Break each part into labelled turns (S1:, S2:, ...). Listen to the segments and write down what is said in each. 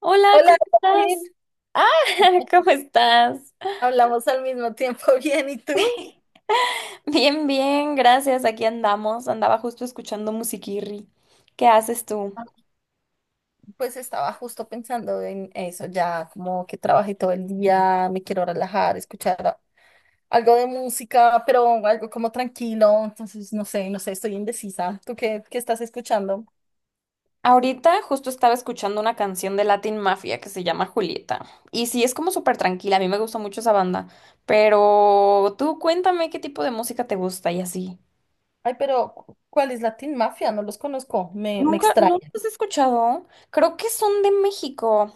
S1: Hola,
S2: Hola,
S1: ¿cómo
S2: Joaquín.
S1: estás? ¿Cómo estás?
S2: Hablamos al mismo tiempo, bien, ¿y tú?
S1: Bien, bien, gracias. Aquí andamos. Andaba justo escuchando musiquirri. ¿Qué haces tú?
S2: Pues estaba justo pensando en eso, ya como que trabajé todo el día, me quiero relajar, algo de música, pero algo como tranquilo, entonces no sé, estoy indecisa. ¿Tú qué estás escuchando?
S1: Ahorita justo estaba escuchando una canción de Latin Mafia que se llama Julieta. Y sí, es como súper tranquila. A mí me gusta mucho esa banda. Pero tú cuéntame qué tipo de música te gusta y así.
S2: Ay, pero ¿cuál es Latin Mafia? No los conozco, me
S1: Nunca,
S2: extraña.
S1: ¿no los has escuchado? Creo que son de México.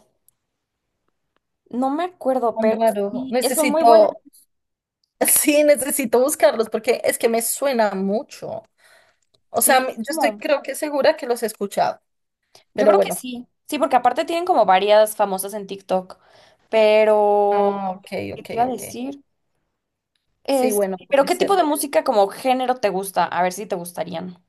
S1: No me acuerdo,
S2: Tan
S1: pero
S2: raro.
S1: sí, son muy buenas.
S2: Necesito, sí, necesito buscarlos porque es que me suena mucho. O sea,
S1: Sí,
S2: yo estoy
S1: como
S2: creo que segura que los he escuchado,
S1: yo
S2: pero
S1: creo que
S2: bueno.
S1: sí, sí, porque aparte tienen como varias famosas en TikTok, pero,
S2: Ah, ok,
S1: ¿qué te
S2: ok,
S1: iba a
S2: ok.
S1: decir?
S2: Sí,
S1: Es,
S2: bueno,
S1: pero
S2: puede
S1: ¿qué tipo
S2: ser.
S1: de música como género te gusta? A ver si te gustarían.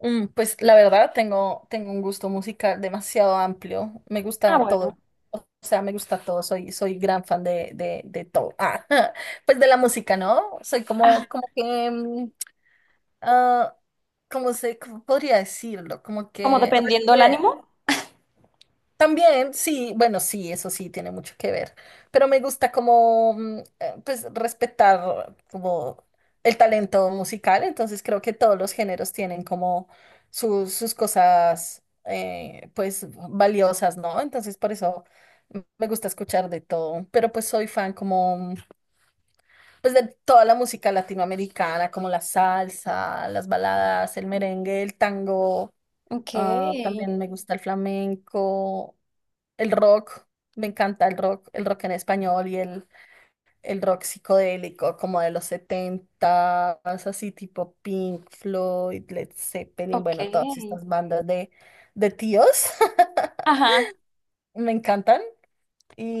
S2: Pues la verdad tengo un gusto musical demasiado amplio. Me
S1: Ah,
S2: gusta
S1: bueno.
S2: todo. O sea, me gusta todo. Soy gran fan de todo. Ah, pues de la música, ¿no? Soy
S1: Ah,
S2: como que, ah, ¿cómo podría decirlo? Como
S1: como
S2: que.
S1: dependiendo el ánimo.
S2: También, sí, bueno, sí, eso sí tiene mucho que ver, pero me gusta como, pues, respetar como el talento musical, entonces creo que todos los géneros tienen como sus cosas, pues, valiosas, ¿no? Entonces, por eso me gusta escuchar de todo, pero pues soy fan como, pues, de toda la música latinoamericana, como la salsa, las baladas, el merengue, el tango,
S1: Ok,
S2: también me gusta el flamenco. El rock, me encanta el rock en español y el rock psicodélico como de los 70, así tipo Pink Floyd, Led Zeppelin, bueno, todas
S1: ok.
S2: estas bandas de tíos
S1: Ajá.
S2: me encantan.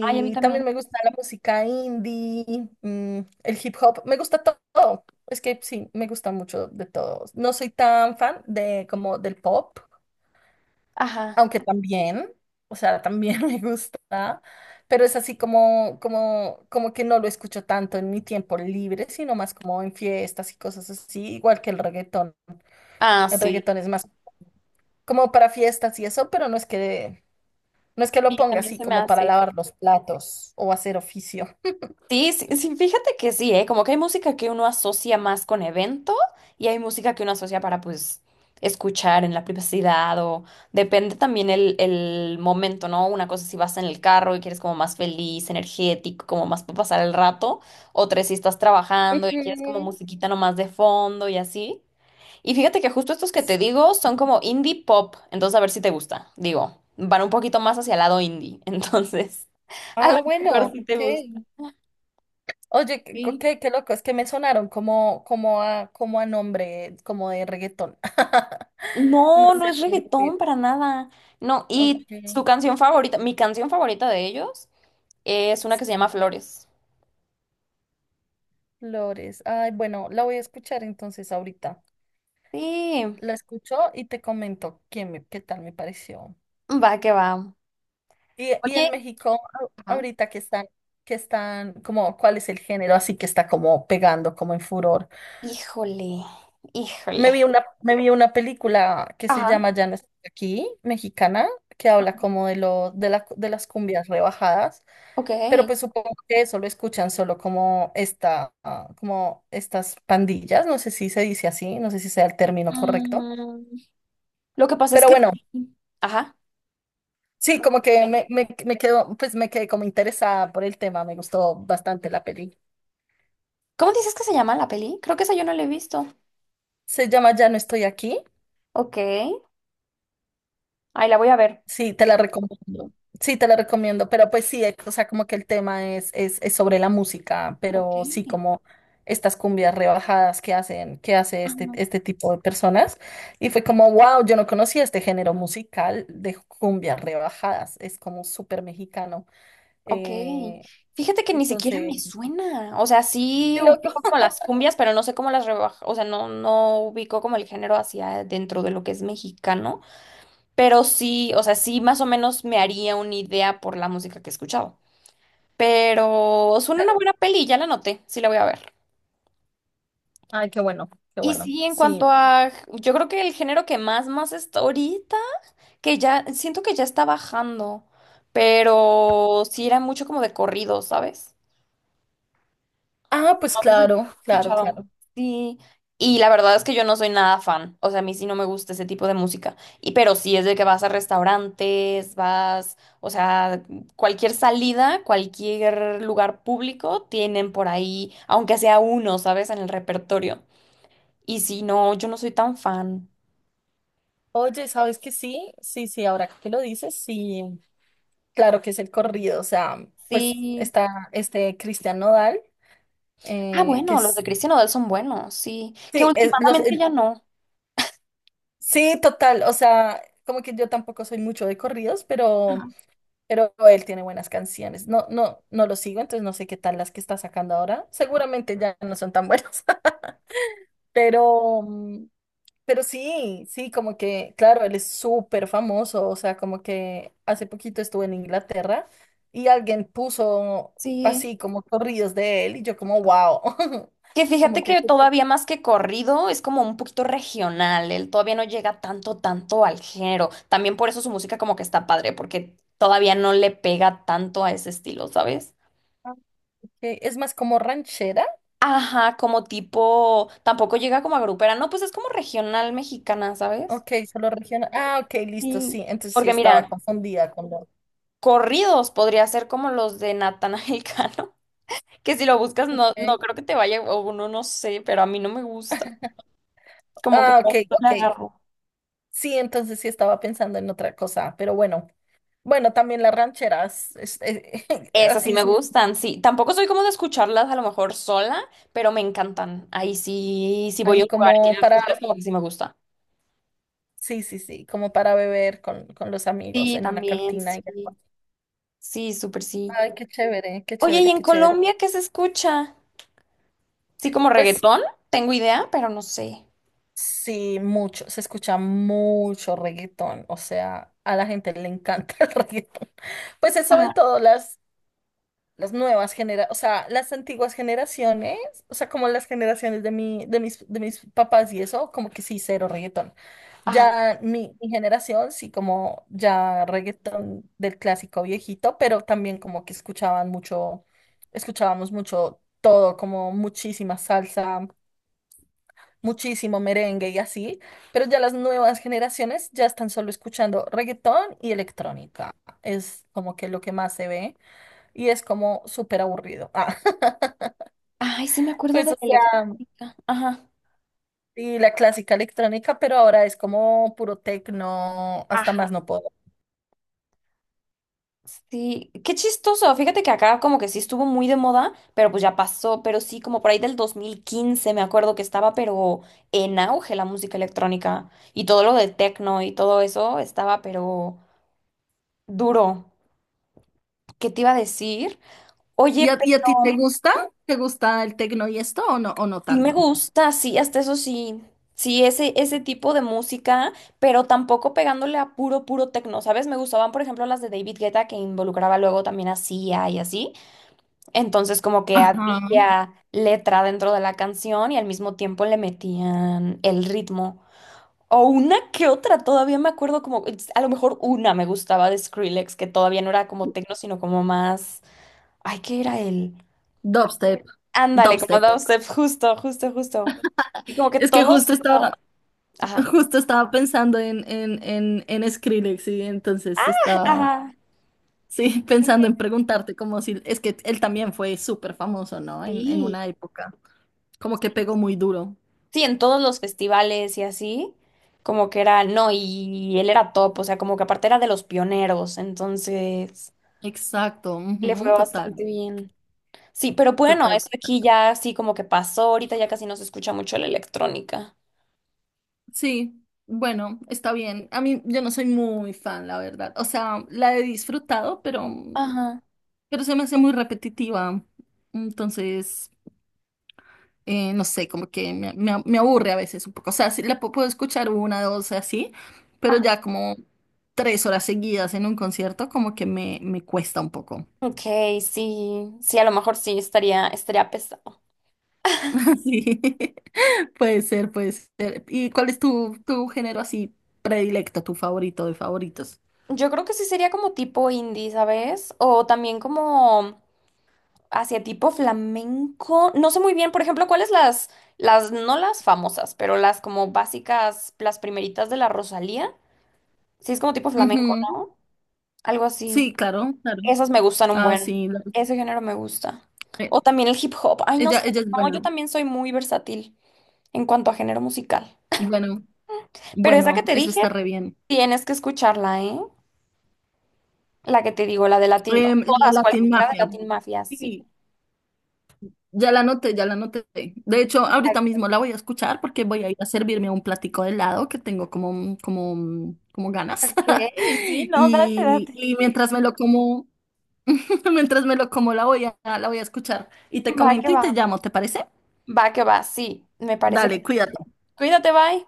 S1: Ay, a mí también.
S2: también me gusta la música indie, el hip hop, me gusta todo. Es que sí, me gusta mucho de todo. No soy tan fan de como del pop.
S1: Ajá.
S2: Aunque también, o sea, también me gusta, pero es así como que no lo escucho tanto en mi tiempo libre, sino más como en fiestas y cosas así, igual que el reggaetón.
S1: Ah,
S2: El
S1: sí.
S2: reggaetón es más como para fiestas y eso, pero no es que lo
S1: Sí,
S2: ponga
S1: también
S2: así
S1: se me
S2: como para
S1: hace.
S2: lavar los platos o hacer oficio.
S1: Sí, sí, sí, fíjate que sí, ¿eh? Como que hay música que uno asocia más con evento y hay música que uno asocia para, pues, escuchar en la privacidad o depende también el momento, ¿no? Una cosa si vas en el carro y quieres como más feliz, energético, como más para pasar el rato, otra si estás trabajando y quieres como
S2: Ujú.
S1: musiquita nomás de fondo y así. Y fíjate que justo estos que te digo son como indie pop, entonces a ver si te gusta, digo, van un poquito más hacia el lado indie, entonces a lo
S2: Ah,
S1: mejor
S2: bueno,
S1: sí te gusta.
S2: ok. Oye, qué,
S1: Sí.
S2: qué- qué loco, es que me sonaron como a nombre, como de reggaetón. No
S1: No, no
S2: sé
S1: es
S2: por
S1: reggaetón
S2: qué.
S1: para nada. No, y
S2: Ok,
S1: su canción favorita, mi canción favorita de ellos es una que se
S2: sí,
S1: llama Flores.
S2: Flores. Ay, bueno, la voy a escuchar entonces ahorita.
S1: Sí,
S2: La escucho y te comento qué tal me pareció.
S1: va que va.
S2: Y,
S1: Oye, ajá.
S2: ahorita que están, como, ¿cuál es el género? Así que está como pegando, como en furor.
S1: Híjole,
S2: Me
S1: híjole.
S2: vi una, me vi una película que se
S1: Ajá,
S2: llama Ya no estoy aquí, mexicana, que habla como de lo, de la, de las cumbias rebajadas,
S1: ok.
S2: pero pues supongo que eso lo escuchan solo como estas pandillas, no sé si se dice así, no sé si sea el término correcto,
S1: Mm, lo que pasa es
S2: pero
S1: que...
S2: bueno,
S1: Ajá.
S2: sí,
S1: No,
S2: como que
S1: dime.
S2: me quedo, pues me quedé como interesada por el tema, me gustó bastante la peli.
S1: ¿Cómo dices que se llama la peli? Creo que esa yo no la he visto.
S2: Se llama Ya no estoy aquí.
S1: Ok. Ahí la voy a ver.
S2: Sí, te la recomiendo. Sí, te la recomiendo, pero pues sí, o sea, como que el tema es sobre la música,
S1: Ok.
S2: pero sí, como estas cumbias rebajadas que hace este tipo de personas. Y fue como, wow, yo no conocía este género musical de cumbias rebajadas, es como súper mexicano.
S1: Ok,
S2: Eh,
S1: fíjate que ni siquiera
S2: entonces,
S1: me suena, o sea, sí
S2: qué
S1: ubico
S2: loco.
S1: como las cumbias, pero no sé cómo las rebaja, o sea, no, no ubico como el género hacia dentro de lo que es mexicano, pero sí, o sea, sí más o menos me haría una idea por la música que he escuchado, pero suena una buena peli, ya la noté, sí la voy a ver.
S2: Ay, qué
S1: Y
S2: bueno,
S1: sí, en cuanto
S2: sí.
S1: a, yo creo que el género que más, más está ahorita, que ya, siento que ya está bajando, pero sí era mucho como de corrido, ¿sabes?
S2: Ah, pues
S1: Entonces, lo
S2: claro,
S1: he
S2: claro, claro.
S1: escuchado. Sí, y la verdad es que yo no soy nada fan, o sea, a mí sí no me gusta ese tipo de música, y pero sí es de que vas a restaurantes, vas, o sea, cualquier salida, cualquier lugar público tienen por ahí, aunque sea uno, ¿sabes? En el repertorio. Y sí, no, yo no soy tan fan.
S2: Oye, ¿sabes que sí? Sí, sí, ahora que lo dices, sí. Claro que es el corrido, o sea, pues
S1: Sí.
S2: está este Cristian Nodal,
S1: Ah,
S2: eh, que
S1: bueno, los de
S2: es,
S1: Cristian Odell son buenos, sí. Que
S2: sí,
S1: últimamente ya no.
S2: sí, total, o sea, como que yo tampoco soy mucho de corridos, pero él tiene buenas canciones. No, no, no lo sigo, entonces no sé qué tal las que está sacando ahora. Seguramente ya no son tan buenas, pero, pero sí, sí, como que, claro, él es súper famoso, o sea, como que hace poquito estuve en Inglaterra y alguien puso
S1: Sí.
S2: así como corridos de él y yo como, wow.
S1: Que fíjate
S2: Como que
S1: que todavía más que corrido es como un poquito regional, él todavía no llega tanto, tanto al género. También por eso su música como que está padre, porque todavía no le pega tanto a ese estilo, ¿sabes?
S2: ah, ok, es más como ranchera,
S1: Ajá, como tipo, tampoco llega como a grupera, no, pues es como regional mexicana, ¿sabes?
S2: ok, solo regional, ok, listo,
S1: Sí.
S2: sí, entonces sí
S1: Porque
S2: estaba
S1: mira,
S2: confundida con lo,
S1: corridos podría ser como los de Natanael Cano, que si lo buscas no, no
S2: ok,
S1: creo que te vaya, o no, no sé, pero a mí no me gusta. Como que no
S2: ok,
S1: le
S2: ok,
S1: agarro.
S2: sí, entonces sí estaba pensando en otra cosa, pero bueno, bueno, también las rancheras,
S1: Esas sí
S2: así,
S1: me gustan, sí. Tampoco soy como de escucharlas a lo mejor sola, pero me encantan. Ahí sí, sí voy a
S2: hay
S1: un lugar y
S2: como
S1: tienen
S2: para.
S1: rancheras, como que sí me gusta.
S2: Sí, sí, sí, como para beber con los amigos
S1: Sí,
S2: en una
S1: también,
S2: cantina. Y.
S1: sí. Sí, súper sí.
S2: Ay, qué chévere, qué
S1: Oye, ¿y
S2: chévere,
S1: en
S2: qué chévere.
S1: Colombia qué se escucha? Sí, como
S2: Pues
S1: reggaetón, tengo idea, pero no sé.
S2: sí, mucho, se escucha mucho reggaetón, o sea, a la gente le encanta el reggaetón. Pues es sobre
S1: Ajá,
S2: todo las nuevas generaciones, o sea, las antiguas generaciones, o sea, como las generaciones de mis papás y eso, como que sí, cero reggaetón.
S1: ajá.
S2: Ya mi generación, sí, como ya reggaetón del clásico viejito, pero también como que escuchábamos mucho todo, como muchísima salsa, muchísimo merengue y así, pero ya las nuevas generaciones ya están solo escuchando reggaetón y electrónica. Es como que lo que más se ve y es como súper aburrido. Ah.
S1: Ay, sí me acuerdo
S2: Pues,
S1: de
S2: o
S1: la
S2: sea,
S1: electrónica. Ajá.
S2: y la clásica electrónica, pero ahora es como puro tecno, hasta
S1: Ajá.
S2: más no puedo.
S1: Sí, qué chistoso. Fíjate que acá como que sí estuvo muy de moda, pero pues ya pasó. Pero sí, como por ahí del 2015 me acuerdo que estaba, pero en auge la música electrónica y todo lo de techno y todo eso estaba, pero duro. ¿Qué te iba a decir?
S2: ¿Y
S1: Oye,
S2: y a ti
S1: pero
S2: te gusta? ¿Te gusta el tecno y esto o no
S1: sí me
S2: tanto?
S1: gusta, sí, hasta eso sí. Sí, ese tipo de música, pero tampoco pegándole a puro, puro techno, ¿sabes? Me gustaban, por ejemplo, las de David Guetta que involucraba luego también a Sia y así. Entonces como que
S2: Ajá.
S1: había letra dentro de la canción y al mismo tiempo le metían el ritmo. O una que otra, todavía me acuerdo como, a lo mejor una me gustaba de Skrillex, que todavía no era como techno, sino como más, ay, ¿qué era él?
S2: Dubstep.
S1: Ándale, como
S2: Dubstep.
S1: dubstep, justo, justo, justo. Y como que
S2: Es que
S1: todos,
S2: justo estaba,
S1: ajá,
S2: justo estaba pensando en Skrillex y entonces estaba,
S1: ajá,
S2: sí, pensando en preguntarte como si, es que él también fue súper famoso, ¿no? En
S1: sí.
S2: una época. Como que pegó muy duro.
S1: Sí, en todos los festivales y así, como que era, no, y él era top, o sea, como que aparte era de los pioneros, entonces...
S2: Exacto.
S1: Le fue
S2: Ujú, total.
S1: bastante bien. Sí, pero bueno,
S2: Total.
S1: eso aquí ya así como que pasó, ahorita ya casi no se escucha mucho la electrónica.
S2: Sí, bueno, está bien. A mí yo no soy muy fan, la verdad. O sea, la he disfrutado, pero,
S1: Ajá.
S2: pero se me hace muy repetitiva. Entonces, no sé, como que me aburre a veces un poco. O sea, sí, la puedo escuchar una, dos, así, pero
S1: Ah,
S2: ya como tres horas seguidas en un concierto, como que me cuesta un poco.
S1: ok, sí, sí, a lo mejor sí estaría, estaría pesado.
S2: Sí, puede ser, puede ser. ¿Y cuál es tu género así predilecto, tu favorito de favoritos?
S1: Yo creo que sí sería como tipo indie, ¿sabes? O también como hacia tipo flamenco. No sé muy bien, por ejemplo, cuáles las, no las famosas, pero las como básicas, las primeritas de la Rosalía. Sí, es como tipo flamenco,
S2: Ujú.
S1: ¿no? Algo así.
S2: Sí, claro, claro.
S1: Esas me gustan un
S2: Ah,
S1: buen.
S2: sí,
S1: Ese género me gusta.
S2: eh,
S1: O también el hip hop. Ay, no sé.
S2: ella es
S1: No, yo
S2: buena.
S1: también soy muy versátil en cuanto a género musical.
S2: Bueno,
S1: Pero esa que
S2: bueno,
S1: te
S2: eso está
S1: dije,
S2: re bien.
S1: tienes que escucharla, ¿eh? La que te digo, la de Latin. O
S2: La de
S1: todas,
S2: Latin
S1: cualquiera de
S2: Mafia.
S1: Latin Mafia,
S2: Sí,
S1: sí.
S2: ya la noté, ya la noté. De hecho,
S1: Ay,
S2: ahorita mismo la voy a escuchar porque voy a ir a servirme un platico de helado que tengo como ganas.
S1: ok, sí, no, date,
S2: Y,
S1: date.
S2: y mientras me lo como, mientras me lo como, la voy a escuchar. Y te
S1: Va
S2: comento
S1: que
S2: y
S1: va.
S2: te llamo, ¿te parece?
S1: Va que va, sí. Me parece
S2: Dale,
S1: perfecto.
S2: cuídate.
S1: Cuídate, bye.